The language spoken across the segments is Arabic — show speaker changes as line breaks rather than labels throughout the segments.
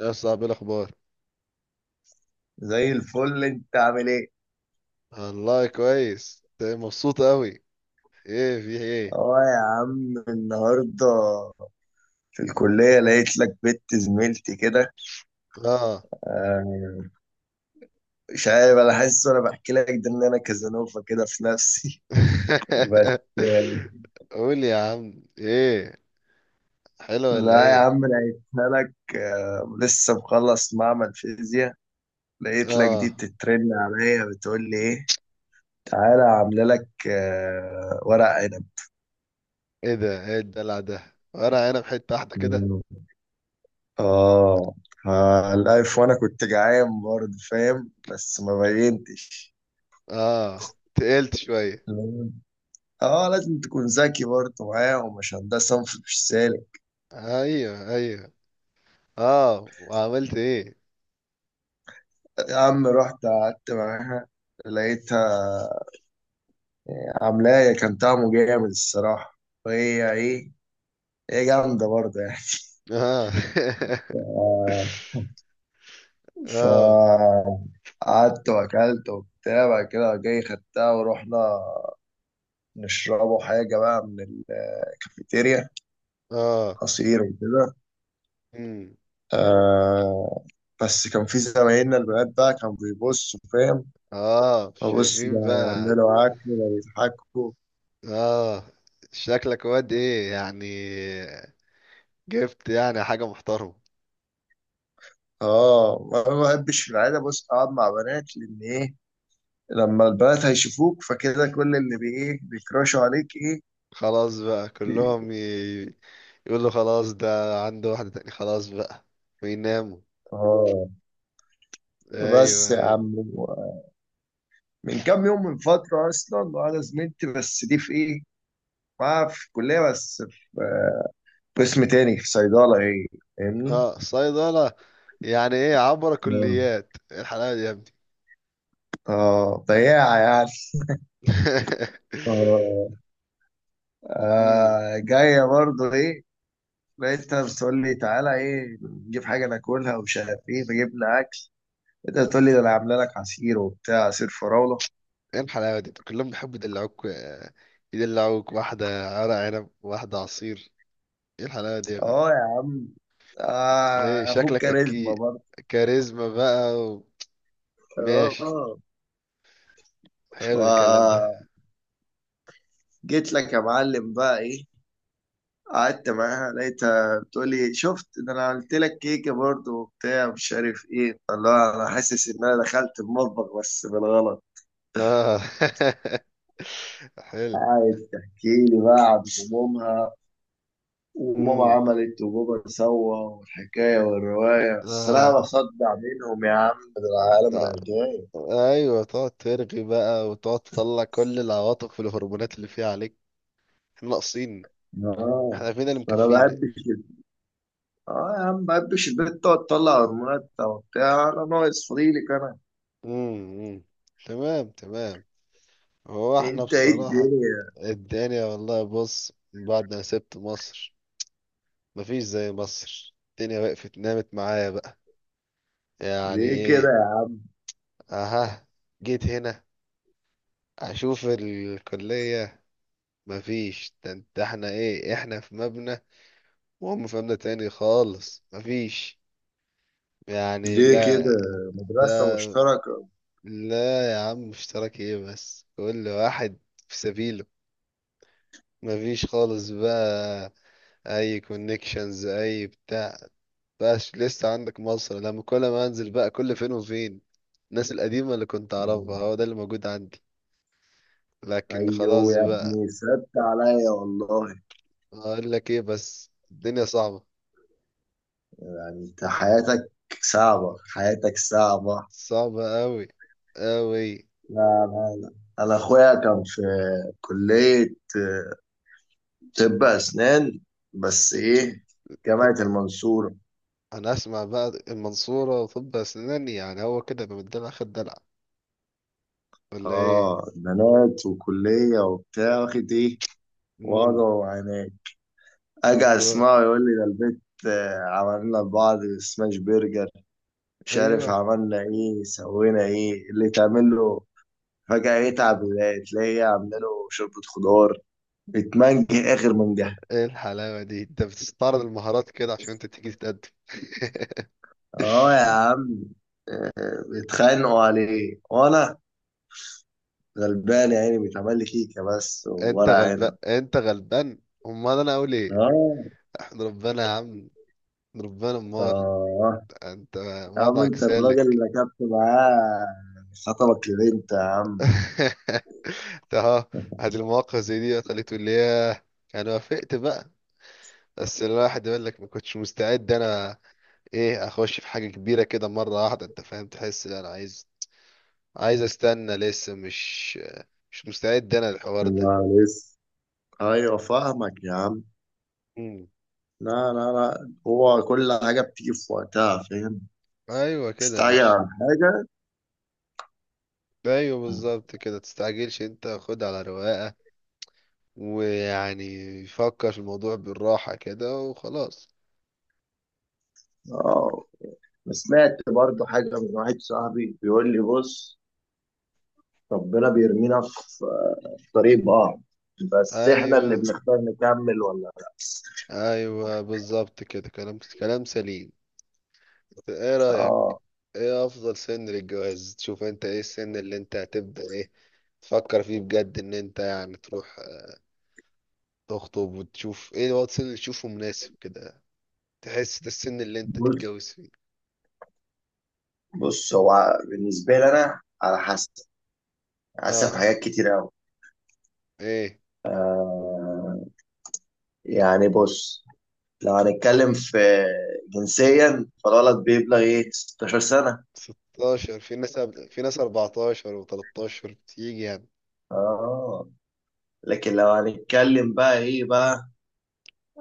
يا صاحبي إيه الاخبار؟
زي الفل انت عامل ايه؟
والله كويس. إنت مبسوط قوي، ايه في ايه؟
اه يا عم، النهارده في الكلية لقيت لك بنت زميلتي كده.
اه.
آه، مش عارف، انا حاسس وانا بحكي لك ده ان انا كازانوفا كده في نفسي. بس
قول يا عم ايه؟ حلو ولا
لا يا
ايه؟
عم، لقيتها لك. لسه مخلص معمل فيزياء، لقيت لك دي
اه.
بتترن عليا، بتقول لي ايه تعالى عامله لك ورق
ايه ده؟ ايه الدلع ده؟ ورق عنب حته واحده كده.
عنب. اه، الألف، وأنا كنت جعان برضه فاهم، بس ما بينتش.
اه تقلت شويه.
اه لازم تكون ذكي برضه معاهم عشان ده صنف مش سالك.
ايوه ايوه. اه وعملت ايه؟
يا عم رحت قعدت معاها، لقيتها عاملاية كان طعمه جامد الصراحة. وهي ايه، هي جامدة برضه يعني.
اه.
آه،
اه.
فقعدت وأكلت وبتاع، بعد كده جاي خدتها ورحنا نشربوا حاجة بقى من الكافيتيريا،
اه.
عصير وكده.
امم.
آه. بس كان في زمايلنا البنات بقى كانوا بيبصوا فاهم،
اه
ببص ده
شايفين بقى.
عاملوا عك بيضحكوا.
اه شكلك واد ايه يعني؟ جبت يعني حاجة محترمة؟
اه انا ما بحبش في العاده، بص، اقعد مع بنات، لان ايه، لما البنات هيشوفوك فكده كل اللي بي ايه بيكراشوا عليك ايه.
خلاص بقى يقولوا خلاص ده عنده واحدة تاني، خلاص بقى ويناموا.
اه بس
ايوه
يا
ايوه.
عم، من كام يوم، من فتره اصلا، وانا زميلتي بس دي في ايه، معاها في الكليه بس، في قسم تاني في صيدله ايه، فاهمني.
اه صيدلة؟ يعني ايه عبر
اه،
كليات؟ ايه الحلاوة دي يا ابني؟
بياعه يعني. اه،
امم.
آه، جاية برضه ايه، لقيتها بتقول لي تعالى ايه نجيب حاجة ناكلها ومش عارف ايه، فجبنا أكل. لقيتها بتقول لي ده أنا عاملة لك عصير وبتاع، عصير فراولة.
ايه الحلاوة دي؟ كلهم بيحبوا يدلعوك يدلعوك واحدة ورق عنب، واحدة عصير. ايه الحلاوة دي يا ابني؟
اه يا عم،
ايه
آه، أخوك
شكلك
كاريزما
اكيد
برضه.
كاريزما بقى ماشي،
اه،
حلو الكلام ده.
فجيت لك يا معلم بقى ايه، قعدت معاها لقيتها بتقول لي شفت ده أنا عملت لك كيكة برضه وبتاع، مش عارف ايه، الله، أنا حاسس إن أنا دخلت المطبخ بس بالغلط.
اه. حلو.
عايز تحكي لي بقى عن همومها، وماما
امم.
عملت وبابا سوى والحكاية والرواية، الصراحة
اه.
بصدع منهم يا عم، ده العالم
ده-
رغاية.
ايوه تقعد ترغي بقى وتقعد تطلع كل العواطف والهرمونات اللي فيها عليك. احنا ناقصين؟
اه،
احنا فينا اللي
أنا ما
مكفينا.
بحبش ال- اه يا عم، ما بحبش البنت تقعد تطلع هرمونات وبتاع، أنا ناقص فضيلك أنا.
امم. تمام تمام. هو احنا
أنت إيه
بصراحة
الدنيا؟
الدنيا والله بص، من بعد ما سبت مصر مفيش زي مصر. الدنيا وقفت نامت معايا بقى، يعني
ليه كده
ايه.
يا
اها. جيت هنا اشوف الكلية، مفيش. ده انت احنا ايه؟ احنا في مبنى وهم في مبنى تاني خالص. مفيش
عم؟
يعني،
ليه كده،
لا.
مدرسة
ده
مشتركة؟
لا يا عم، اشتراك ايه بس؟ كل واحد في سبيله، مفيش خالص بقى. اي كونكشنز اي بتاع. بقاش لسه عندك مصر، لما كل ما انزل بقى كل فين وفين الناس القديمة اللي كنت اعرفها، هو ده اللي موجود عندي. لكن
أيوه
خلاص
يا
بقى.
ابني، صدت عليا والله.
اقول لك ايه؟ بس الدنيا صعبة.
يعني أنت حياتك صعبة، حياتك صعبة؟
صعبة قوي قوي.
لا، لا، لا، انا اخويا كان في كلية طب اسنان، بس ايه، جامعة
طب
المنصورة.
انا اسمع بقى، المنصورة طب اسنان، يعني هو كده يبقى من الدلع خد دلع ولا ايه؟
اه بنات وكلية وبتاع، واخد ايه، وضع
امم.
وعناد. اجي
بالظبط.
اسمعه يقول لي ده البيت عملنا لبعض سماش برجر، مش عارف
ايوه.
عملنا ايه سوينا ايه اللي تعمل له. فجأة
مم.
يتعب تلاقيه عامله شوربة خضار بتمنج اخر. من
ايه الحلاوة دي؟ انت بتستعرض المهارات كده عشان انت تيجي تتقدم؟
اه يا عم، بيتخانقوا عليه وانا غلبان يا عيني، بيتعمل لي كيكه بس
انت
وورق
غلبان،
عنب.
انت غلبان. امال انا اقول ايه؟
اه.
احمد ربنا يا عم، احمد ربنا. امال
اه
انت
يا عم،
وضعك
انت الراجل
سالك.
اللي ركبت معاه، خطبك لبنت يا عم.
انت اهو. هذه المواقف زي دي خليته اللي هي انا وافقت بقى. بس الواحد يقول لك ما كنتش مستعد انا، ايه اخش في حاجة كبيرة كده مرة واحدة، انت فاهم؟ تحس لا انا عايز، استنى لسه. مش مستعد انا للحوار ده.
لا لسه. ايوه فاهمك يا عم.
مم.
لا لا لا، هو كل حاجه بتيجي في وقتها، فاهم،
ايوه كده
تستعجل
مش
على حاجه.
ايوه بالظبط كده. تستعجلش، انت خد على رواقة ويعني فكر في الموضوع بالراحة كده وخلاص.
اه، أنا سمعت برضو حاجه من واحد صاحبي، بيقول لي بص، ربنا بيرمينا في في طريق بعض، بس احنا اللي
ايوه
بنختار نكمل ولا لا.
ايوه بالظبط كده. كلام كلام سليم. ايه رأيك؟
اه،
ايه افضل سن للجواز؟ تشوف انت ايه السن اللي انت هتبدأ ايه تفكر فيه بجد ان انت يعني تروح تخطب، وتشوف ايه الوقت السن اللي تشوفه مناسب كده؟ تحس ده السن اللي انت
بص،
تتجوز فيه.
بص، هو بالنسبه لي انا على حسب، على حسب
اه
حاجات كتير قوي.
ايه
آه، يعني بص، لو هنتكلم في جنسيا، فالولد بيبلغ ايه 16 سنه.
16. في ناس في ناس 14 و13 بتيجي يعني.
اه لكن لو هنتكلم بقى ايه بقى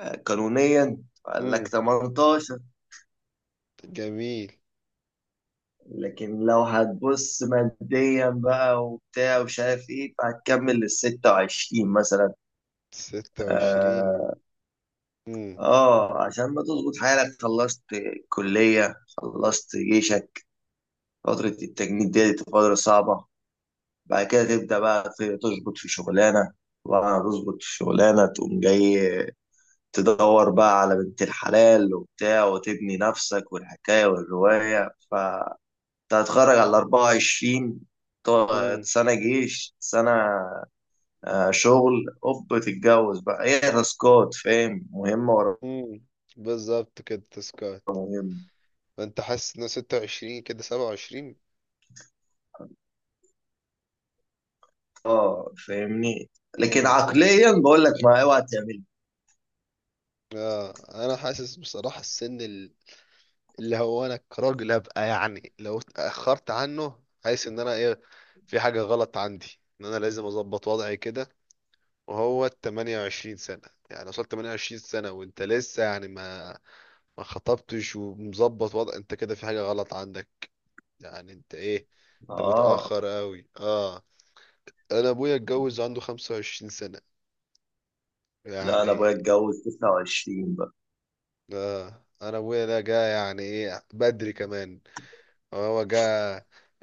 قانونيا، قال لك
امم.
18.
جميل.
لكن لو هتبص ماديا بقى وبتاع ومش عارف ايه، فهتكمل لل 26 مثلا.
26.
اه،
امم
عشان ما تظبط حالك، خلصت كلية، خلصت جيشك، فترة التجنيد دي، دي فترة صعبة. بعد كده تبدأ بقى تظبط في شغلانة، وبعد ما تظبط في شغلانة تقوم جاي تدور بقى على بنت الحلال وبتاع، وتبني نفسك والحكاية والرواية. كنت هتخرج على 24.
امم
سنة جيش، سنة شغل اوب، تتجوز بقى، هي تاسكات فاهم، مهمة ورا
امم بالظبط كده تسكات.
مهمة.
فانت حاسس ان 26 كده 27.
اه فاهمني. لكن
امم.
عقليا بقول لك ما اوعى تعمل.
اه انا حاسس بصراحة السن اللي هو انا كراجل ابقى، يعني لو اتاخرت عنه حاسس ان انا ايه، في حاجه غلط عندي ان انا لازم اظبط وضعي كده. وهو 28 سنه يعني، وصلت 28 سنه وانت لسه يعني ما خطبتش ومظبط وضع، انت كده في حاجه غلط عندك. يعني انت ايه، انت
اه،
متاخر قوي. اه. انا ابويا اتجوز عنده 25 سنه
لا انا ابويا
يعني.
اتجوز 29 بقى.
آه انا ابويا ده جه يعني ايه بدري كمان. هو جه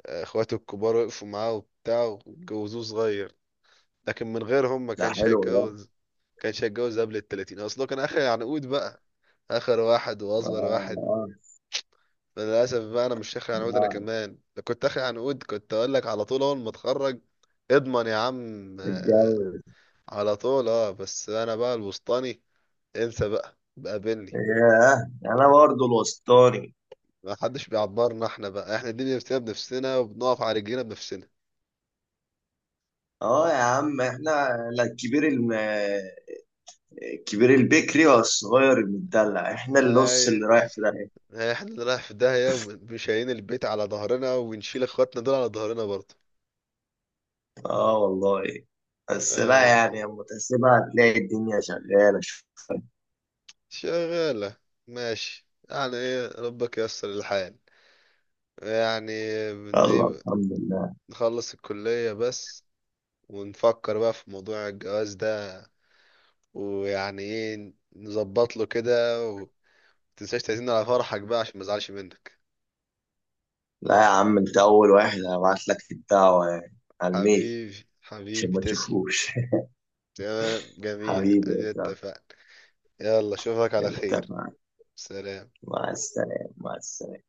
اخواته الكبار وقفوا معاه وبتاع واتجوزوه صغير. لكن من غيرهم ما
ده
كانش
حلو ده.
هيتجوز، ما كانش هيتجوز قبل التلاتين، اصله كان اخر عنقود بقى. اخر واحد
اه.
واصغر واحد.
اه،
للاسف بقى انا مش اخر عنقود. انا
آه،
كمان لو كنت اخر عنقود كنت اقول لك على طول اول ما اتخرج اضمن يا عم
اتجوز.
على طول. اه بس انا بقى الوسطاني، انسى بقى، بقابلني.
ياه، انا برضه الوسطاني.
ما حدش بيعبرنا احنا بقى. احنا دي بنفسنا بنفسنا وبنقف على رجلينا بنفسنا.
اه يا عم، احنا لا، الكبير، الكبير البكري والصغير المدلع، احنا النص
اي
اللي رايح في داهية.
احنا اللي رايح في داهية، ومش شايلين البيت على ظهرنا ونشيل اخواتنا دول على ظهرنا برضه.
اه والله. بس لا
آه.
يعني، لما تحسبها هتلاقي الدنيا شغالة.
شغالة. ماشي، يعني ايه ربك ييسر الحال يعني. بن
الله،
ايه.
الحمد لله.
نخلص الكلية بس ونفكر بقى في موضوع الجواز ده، ويعني ايه نظبط له كده. ومتنساش تعزمنا على فرحك بقى عشان ما ازعلش منك.
لا يا عم، انت اول واحد هبعت لك الدعوة، يعني على الميل،
حبيبي
عشان
حبيبي،
ما
تسلم.
تشوفوش.
تمام جميل،
حبيبي
ادينا
يا
اتفقنا. يلا اشوفك على
صاحبي،
خير.
اتفقنا.
سلام.
مع السلامة، مع السلامة.